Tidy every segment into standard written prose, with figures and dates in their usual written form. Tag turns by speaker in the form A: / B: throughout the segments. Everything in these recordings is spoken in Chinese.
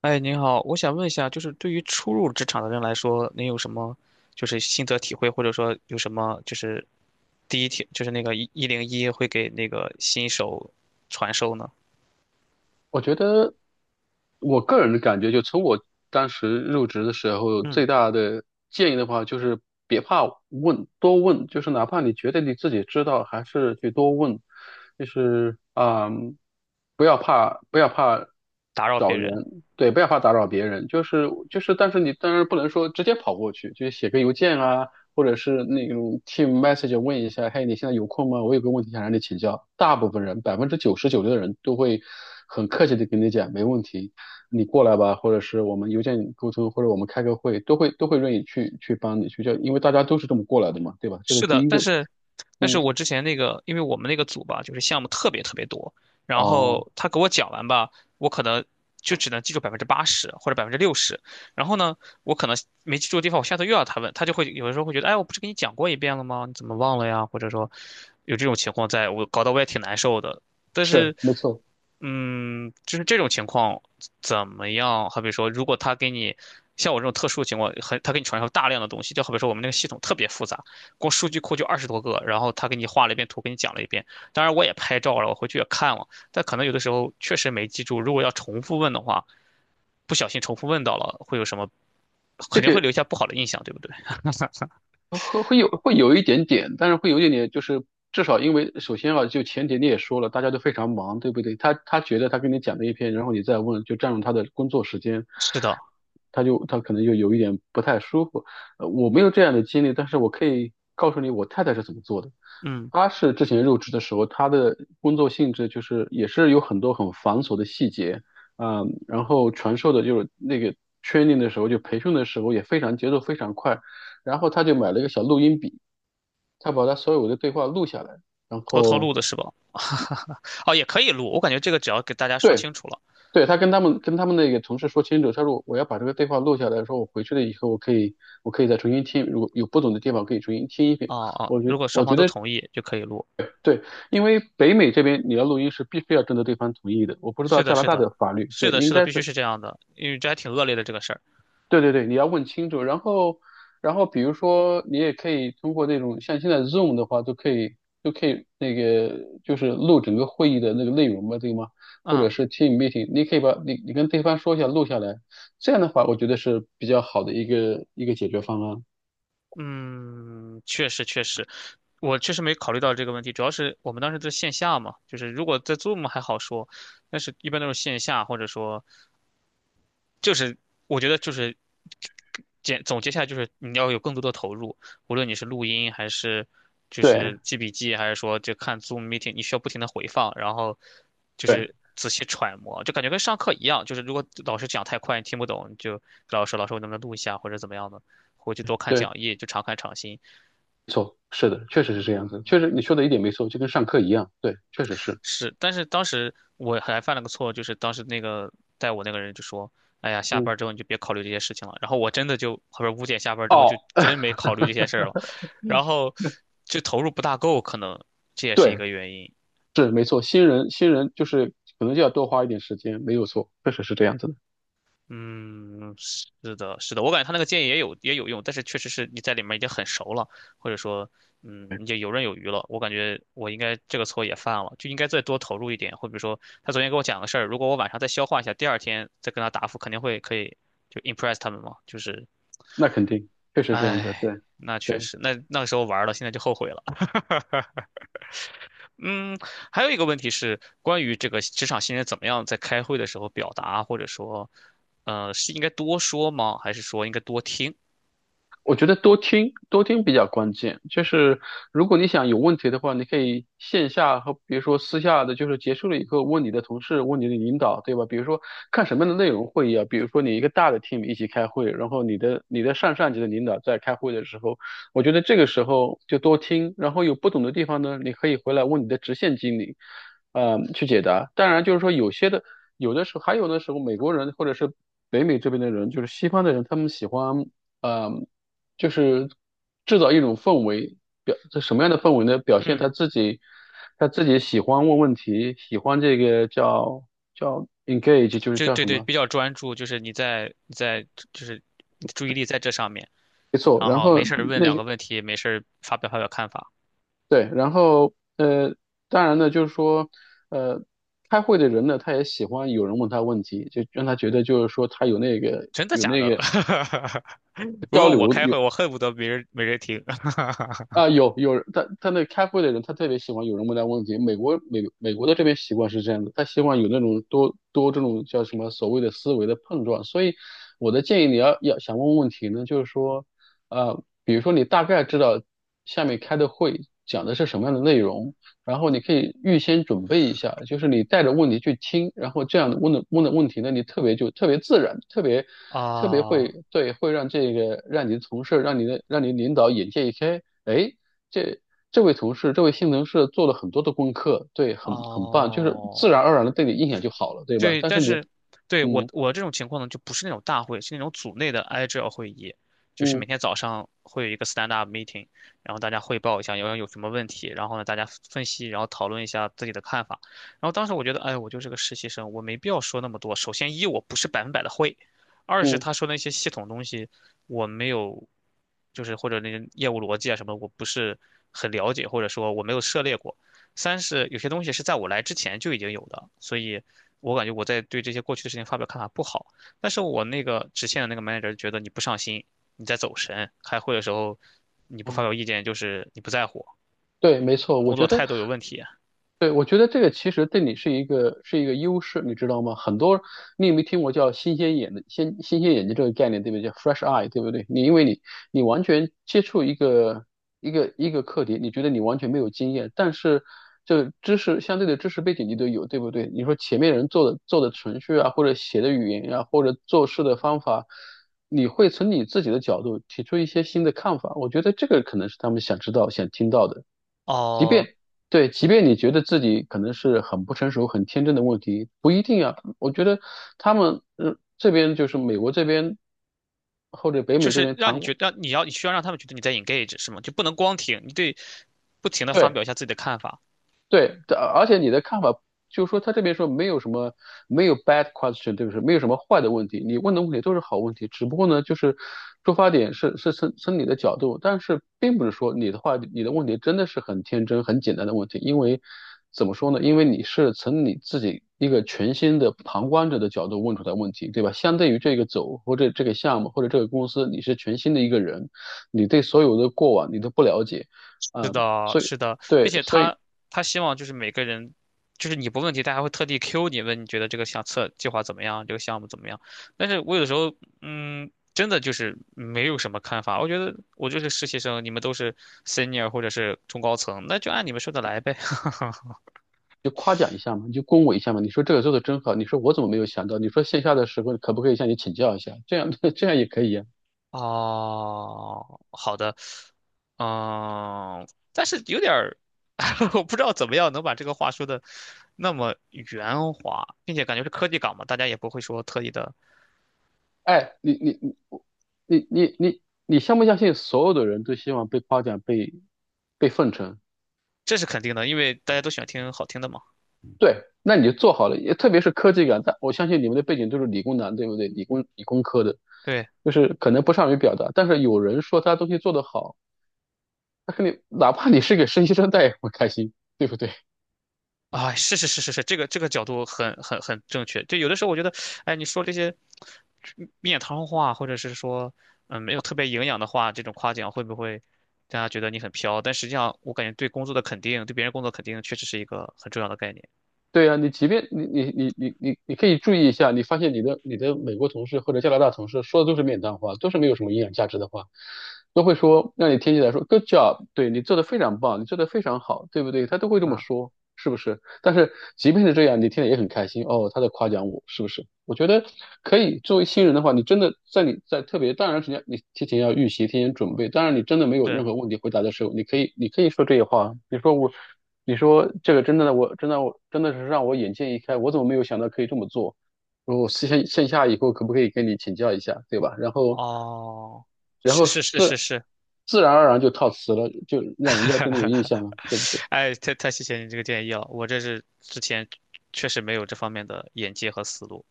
A: 哎，您好，我想问一下，就是对于初入职场的人来说，您有什么就是心得体会，或者说有什么就是第一天就是那个101会给那个新手传授呢？
B: 我觉得我个人的感觉，就从我当时入职的时候，
A: 嗯，
B: 最大的建议的话，就是别怕问，多问，就是哪怕你觉得你自己知道，还是去多问，就是啊、嗯不要怕，不要怕
A: 打扰
B: 找
A: 别人。
B: 人，对，不要怕打扰别人，但是你当然不能说直接跑过去，就是写个邮件啊，或者是那种 team message 问一下，嘿，你现在有空吗？我有个问题想让你请教。大部分人，百分之九十九的人都会很客气的跟你讲，没问题，你过来吧，或者是我们邮件沟通，或者我们开个会，都会愿意去帮你去教，因为大家都是这么过来的嘛，对吧？这是
A: 是
B: 第
A: 的，
B: 一
A: 但
B: 个，
A: 是，但是
B: 嗯，
A: 我之前那个，因为我们那个组吧，就是项目特别特别多，然
B: 哦，
A: 后他给我讲完吧，我可能就只能记住80%或者60%，然后呢，我可能没记住的地方，我下次又要他问，他就会有的时候会觉得，哎，我不是跟你讲过一遍了吗？你怎么忘了呀？或者说有这种情况在，我搞得我也挺难受的。但
B: 是，
A: 是，
B: 没错。
A: 嗯，就是这种情况怎么样？好比说，如果他给你像我这种特殊情况，很他给你传授大量的东西，就好比说我们那个系统特别复杂。光数据库就20多个，然后他给你画了一遍图，给你讲了一遍。当然我也拍照了，我回去也看了，但可能有的时候确实没记住。如果要重复问的话，不小心重复问到了，会有什么？
B: 这
A: 肯定会
B: 个。
A: 留下不好的印象，对不对？
B: 会有一点点，但是会有一点点，就是至少因为首先啊，就前提你也说了，大家都非常忙，对不对？他觉得他跟你讲了一篇，然后你再问，就占用他的工作时间，
A: 是的，
B: 他可能就有一点不太舒服。我没有这样的经历，但是我可以告诉你我太太是怎么做的。
A: 嗯，
B: 他是之前入职的时候，他的工作性质就是也是有很多很繁琐的细节，嗯，然后传授的就是那个 training 的时候，就培训的时候也非常节奏非常快，然后他就买了一个小录音笔，他把他所有的对话录下来，然
A: 偷偷
B: 后，
A: 录的是吧？哦，也可以录，我感觉这个只要给大家说
B: 对
A: 清楚了，
B: 对，他跟他们那个同事说清楚，他说我要把这个对话录下来，说我回去了以后我可以再重新听，如果有不懂的地方可以重新听一遍。
A: 哦
B: 我
A: 哦，
B: 觉
A: 如果双
B: 我觉
A: 方都
B: 得
A: 同意就可以录。
B: 对，因为北美这边你要录音是必须要征得对方同意的，我不知道
A: 是的，
B: 加拿
A: 是
B: 大
A: 的，
B: 的法律，
A: 是
B: 对，
A: 的，
B: 应
A: 是的，
B: 该
A: 必须
B: 是，
A: 是这样的，因为这还挺恶劣的这个事儿，
B: 对对对，你要问清楚。然后比如说你也可以通过那种像现在 Zoom 的话，都可以那个就是录整个会议的那个内容嘛，对吗？或者
A: 嗯。
B: 是 Team meeting,你可以你跟对方说一下录下来，这样的话我觉得是比较好的一个解决方案。
A: 嗯，确实确实，我确实没考虑到这个问题，主要是我们当时在线下嘛，就是如果在 Zoom 还好说，但是一般都是线下，或者说就是我觉得就是简总结下来就是你要有更多的投入，无论你是录音还是就
B: 对
A: 是记笔记，还是说就看 Zoom meeting，你需要不停的回放，然后就
B: 对
A: 是仔细揣摩，就感觉跟上课一样，就是如果老师讲太快你听不懂，你就跟老师老师我能不能录一下或者怎么样的，回去多看
B: 对，
A: 讲义，就常看常新。
B: 没错，是的，确实是这样子，
A: 嗯，
B: 确实你说的一点没错，就跟上课一样，对，确实是，
A: 是，但是当时我还犯了个错，就是当时那个带我那个人就说：“哎呀，下
B: 嗯。
A: 班之后你就别考虑这些事情了。”然后我真的就，后边5点下班之后就
B: 哦，
A: 真没 考虑这些事儿了，然后就投入不大够，可能这也是一
B: 对，
A: 个原因。
B: 是没错，新人就是可能就要多花一点时间，没有错，确实是这样子的。
A: 嗯，是的，是的，我感觉他那个建议也有也有用，但是确实是你在里面已经很熟了，或者说，嗯，
B: 对，
A: 你就游刃有余了。我感觉我应该这个错也犯了，就应该再多投入一点。或者说，他昨天跟我讲个事儿，如果我晚上再消化一下，第二天再跟他答复，肯定会可以就 impress 他们嘛。就是，
B: 那肯定，确实这样子的，
A: 唉，
B: 对。
A: 那确实，那个时候玩了，现在就后悔了。嗯，还有一个问题是关于这个职场新人怎么样在开会的时候表达，或者说，是应该多说吗？还是说应该多听？
B: 我觉得多听多听比较关键，就是如果你想有问题的话，你可以线下和比如说私下的，就是结束了以后问你的同事，问你的领导，对吧？比如说看什么样的内容会议啊，比如说你一个大的 team 一起开会，然后你的上上级的领导在开会的时候，我觉得这个时候就多听，然后有不懂的地方呢，你可以回来问你的直线经理，去解答。当然就是说有些的，有的时候美国人或者是北美这边的人，就是西方的人，他们喜欢。呃。就是制造一种氛围，表这什么样的氛围呢？表现他
A: 嗯，
B: 自己，他自己喜欢问问题，喜欢这个叫 engage,就是
A: 就
B: 叫
A: 对
B: 什
A: 对，
B: 么？
A: 比较专注，就是你在就是你的注意力在这上面，
B: 没错。
A: 然
B: 然
A: 后
B: 后
A: 没事儿问
B: 那
A: 两
B: 个
A: 个问题，没事儿发表发表看法，
B: 对，然后，当然呢，就是说，呃，开会的人呢，他也喜欢有人问他问题，就让他觉得就是说他有那个
A: 真的
B: 有
A: 假
B: 那
A: 的？
B: 个
A: 如果我开会，我恨不得没人听。
B: 啊，有人，他那开会的人，他特别喜欢有人问他问题。美国的这边习惯是这样的，他希望有那种多多这种叫什么所谓的思维的碰撞。所以我的建议，你要想问问题呢，就是说，比如说你大概知道下面开的会讲的是什么样的内容，然后你可以预先准备一下，就是你带着问题去听，然后这样问的问题呢，你特别就特别自然，特别特别
A: 啊
B: 会对，会让这个让你的同事，让你领导眼界一开。哎，这这位同事，这位性能是做了很多的功课，对，很很棒，就是自然
A: 哦，
B: 而然的对你印象就好了，对吧？
A: 对，
B: 但
A: 但
B: 是你，
A: 是对我
B: 嗯
A: 我这种情况呢，就不是那种大会，是那种组内的 agile 会议，就是每
B: 嗯
A: 天早上会有一个 stand up meeting，然后大家汇报一下有什么问题，然后呢大家分析，然后讨论一下自己的看法。然后当时我觉得，哎，我就是个实习生，我没必要说那么多。首先一我不是100%的会，二是
B: 嗯
A: 他说的那些系统东西我没有，就是或者那些业务逻辑啊什么，我不是很了解，或者说我没有涉猎过。三是有些东西是在我来之前就已经有的，所以我感觉我在对这些过去的事情发表看法不好。但是我那个直线的那个 manager 觉得你不上心，你在走神，开会的时候你不发
B: 嗯，
A: 表意见就是你不在乎，
B: 对，没错，
A: 工
B: 我觉
A: 作
B: 得
A: 态度有问题。
B: 对，我觉得这个其实对你是一个优势，你知道吗？你有没有听过叫新鲜眼睛这个概念，对不对？叫 fresh eye,对不对？因为你完全接触一个课题，你觉得你完全没有经验，但是这个知识相对的知识背景你都有，对不对？你说前面人做的程序啊，或者写的语言呀、或者做事的方法，你会从你自己的角度提出一些新的看法，我觉得这个可能是他们想知道、想听到的。即
A: 哦，
B: 便对，即便你觉得自己可能是很不成熟、很天真的问题，不一定啊。我觉得他们，嗯，这边就是美国这边或者北
A: 就
B: 美这
A: 是
B: 边
A: 让你
B: 常，
A: 觉得你要你需要让他们觉得你在 engage 是吗？就不能光听，你对不停的发
B: 对
A: 表一下自己的看法。
B: 对，这而且你的看法就是说，他这边说没有什么没有 bad question,对不对？没有什么坏的问题，你问的问题都是好问题，只不过呢，就是出发点是你的角度，但是并不是说你的问题真的是很天真、很简单的问题，因为怎么说呢？因为你是从你自己一个全新的旁观者的角度问出来问题，对吧？相对于这个走或者这个项目或者这个公司，你是全新的一个人，你对所有的过往你都不了解，
A: 是
B: 嗯，
A: 的，
B: 所以。
A: 是的，并
B: 对，
A: 且
B: 所以
A: 他希望就是每个人，就是你不问题，他还会特地 Q 你问你觉得这个相册计划怎么样，这个项目怎么样。但是我有的时候，嗯，真的就是没有什么看法。我觉得我就是实习生，你们都是 senior 或者是中高层，那就按你们说的来呗。
B: 就夸奖一下嘛，你就恭维一下嘛。你说这个做的真好，你说我怎么没有想到？你说线下的时候可不可以向你请教一下？这样也可以呀、
A: 哦，好的，嗯，但是有点儿，我不知道怎么样能把这个话说的那么圆滑，并且感觉是科技岗嘛，大家也不会说特意的
B: 哎，你相不相信所有的人都希望被夸奖、被奉承？
A: 这是肯定的，因为大家都喜欢听好听的嘛。
B: 对，那你就做好了。也特别是科技感，但我相信你们的背景都是理工男，对不对？理工理工科的，
A: 对，
B: 就是可能不善于表达，但是有人说他东西做得好，他肯定哪怕你是给实习生，带，也会开心，对不对？
A: 啊，是是是是是，这个角度很正确。就有的时候我觉得，哎，你说这些面汤话，或者是说没有特别营养的话，这种夸奖会不会大家觉得你很飘？但实际上，我感觉对工作的肯定，对别人工作肯定，确实是一个很重要的概念。
B: 对啊，你即便你你你你你你可以注意一下，你发现你的美国同事或者加拿大同事说的都是面谈话，都是没有什么营养价值的话，都会说让你听起来说 “good job”,对你做的非常棒，你做的非常好，对不对？他都会这么
A: 嗯，
B: 说，是不是？但是即便是这样，你听了也很开心哦，他在夸奖我，是不是？我觉得可以，作为新人的话，你在特别，当然时间，你提前要预习，提前准备。当然你真的没有
A: 是
B: 任何问题回答的时候，你可以说这些话啊，你说我。你说这个真的，我真的是让我眼界一开，我怎么没有想到可以这么做？然后线下以后可不可以跟你请教一下，对吧？然后
A: 哦，
B: 然
A: 是
B: 后
A: 是是是
B: 自
A: 是。
B: 自然而然就套词了，就让人家对你有印象 了，对不对？
A: 哎，太谢谢你这个建议了，我这是之前确实没有这方面的眼界和思路。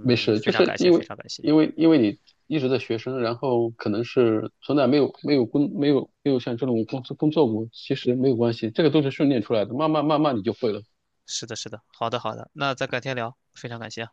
B: 没事，
A: 非
B: 就
A: 常
B: 是
A: 感谢，
B: 因
A: 非
B: 为
A: 常感谢。
B: 因为因为你一直在学生，然后可能是从来没有像这种工作过，其实没有关系，这个都是训练出来的，慢慢慢慢你就会了。
A: 是的，是的，好的，好的，那咱改天聊，非常感谢哈。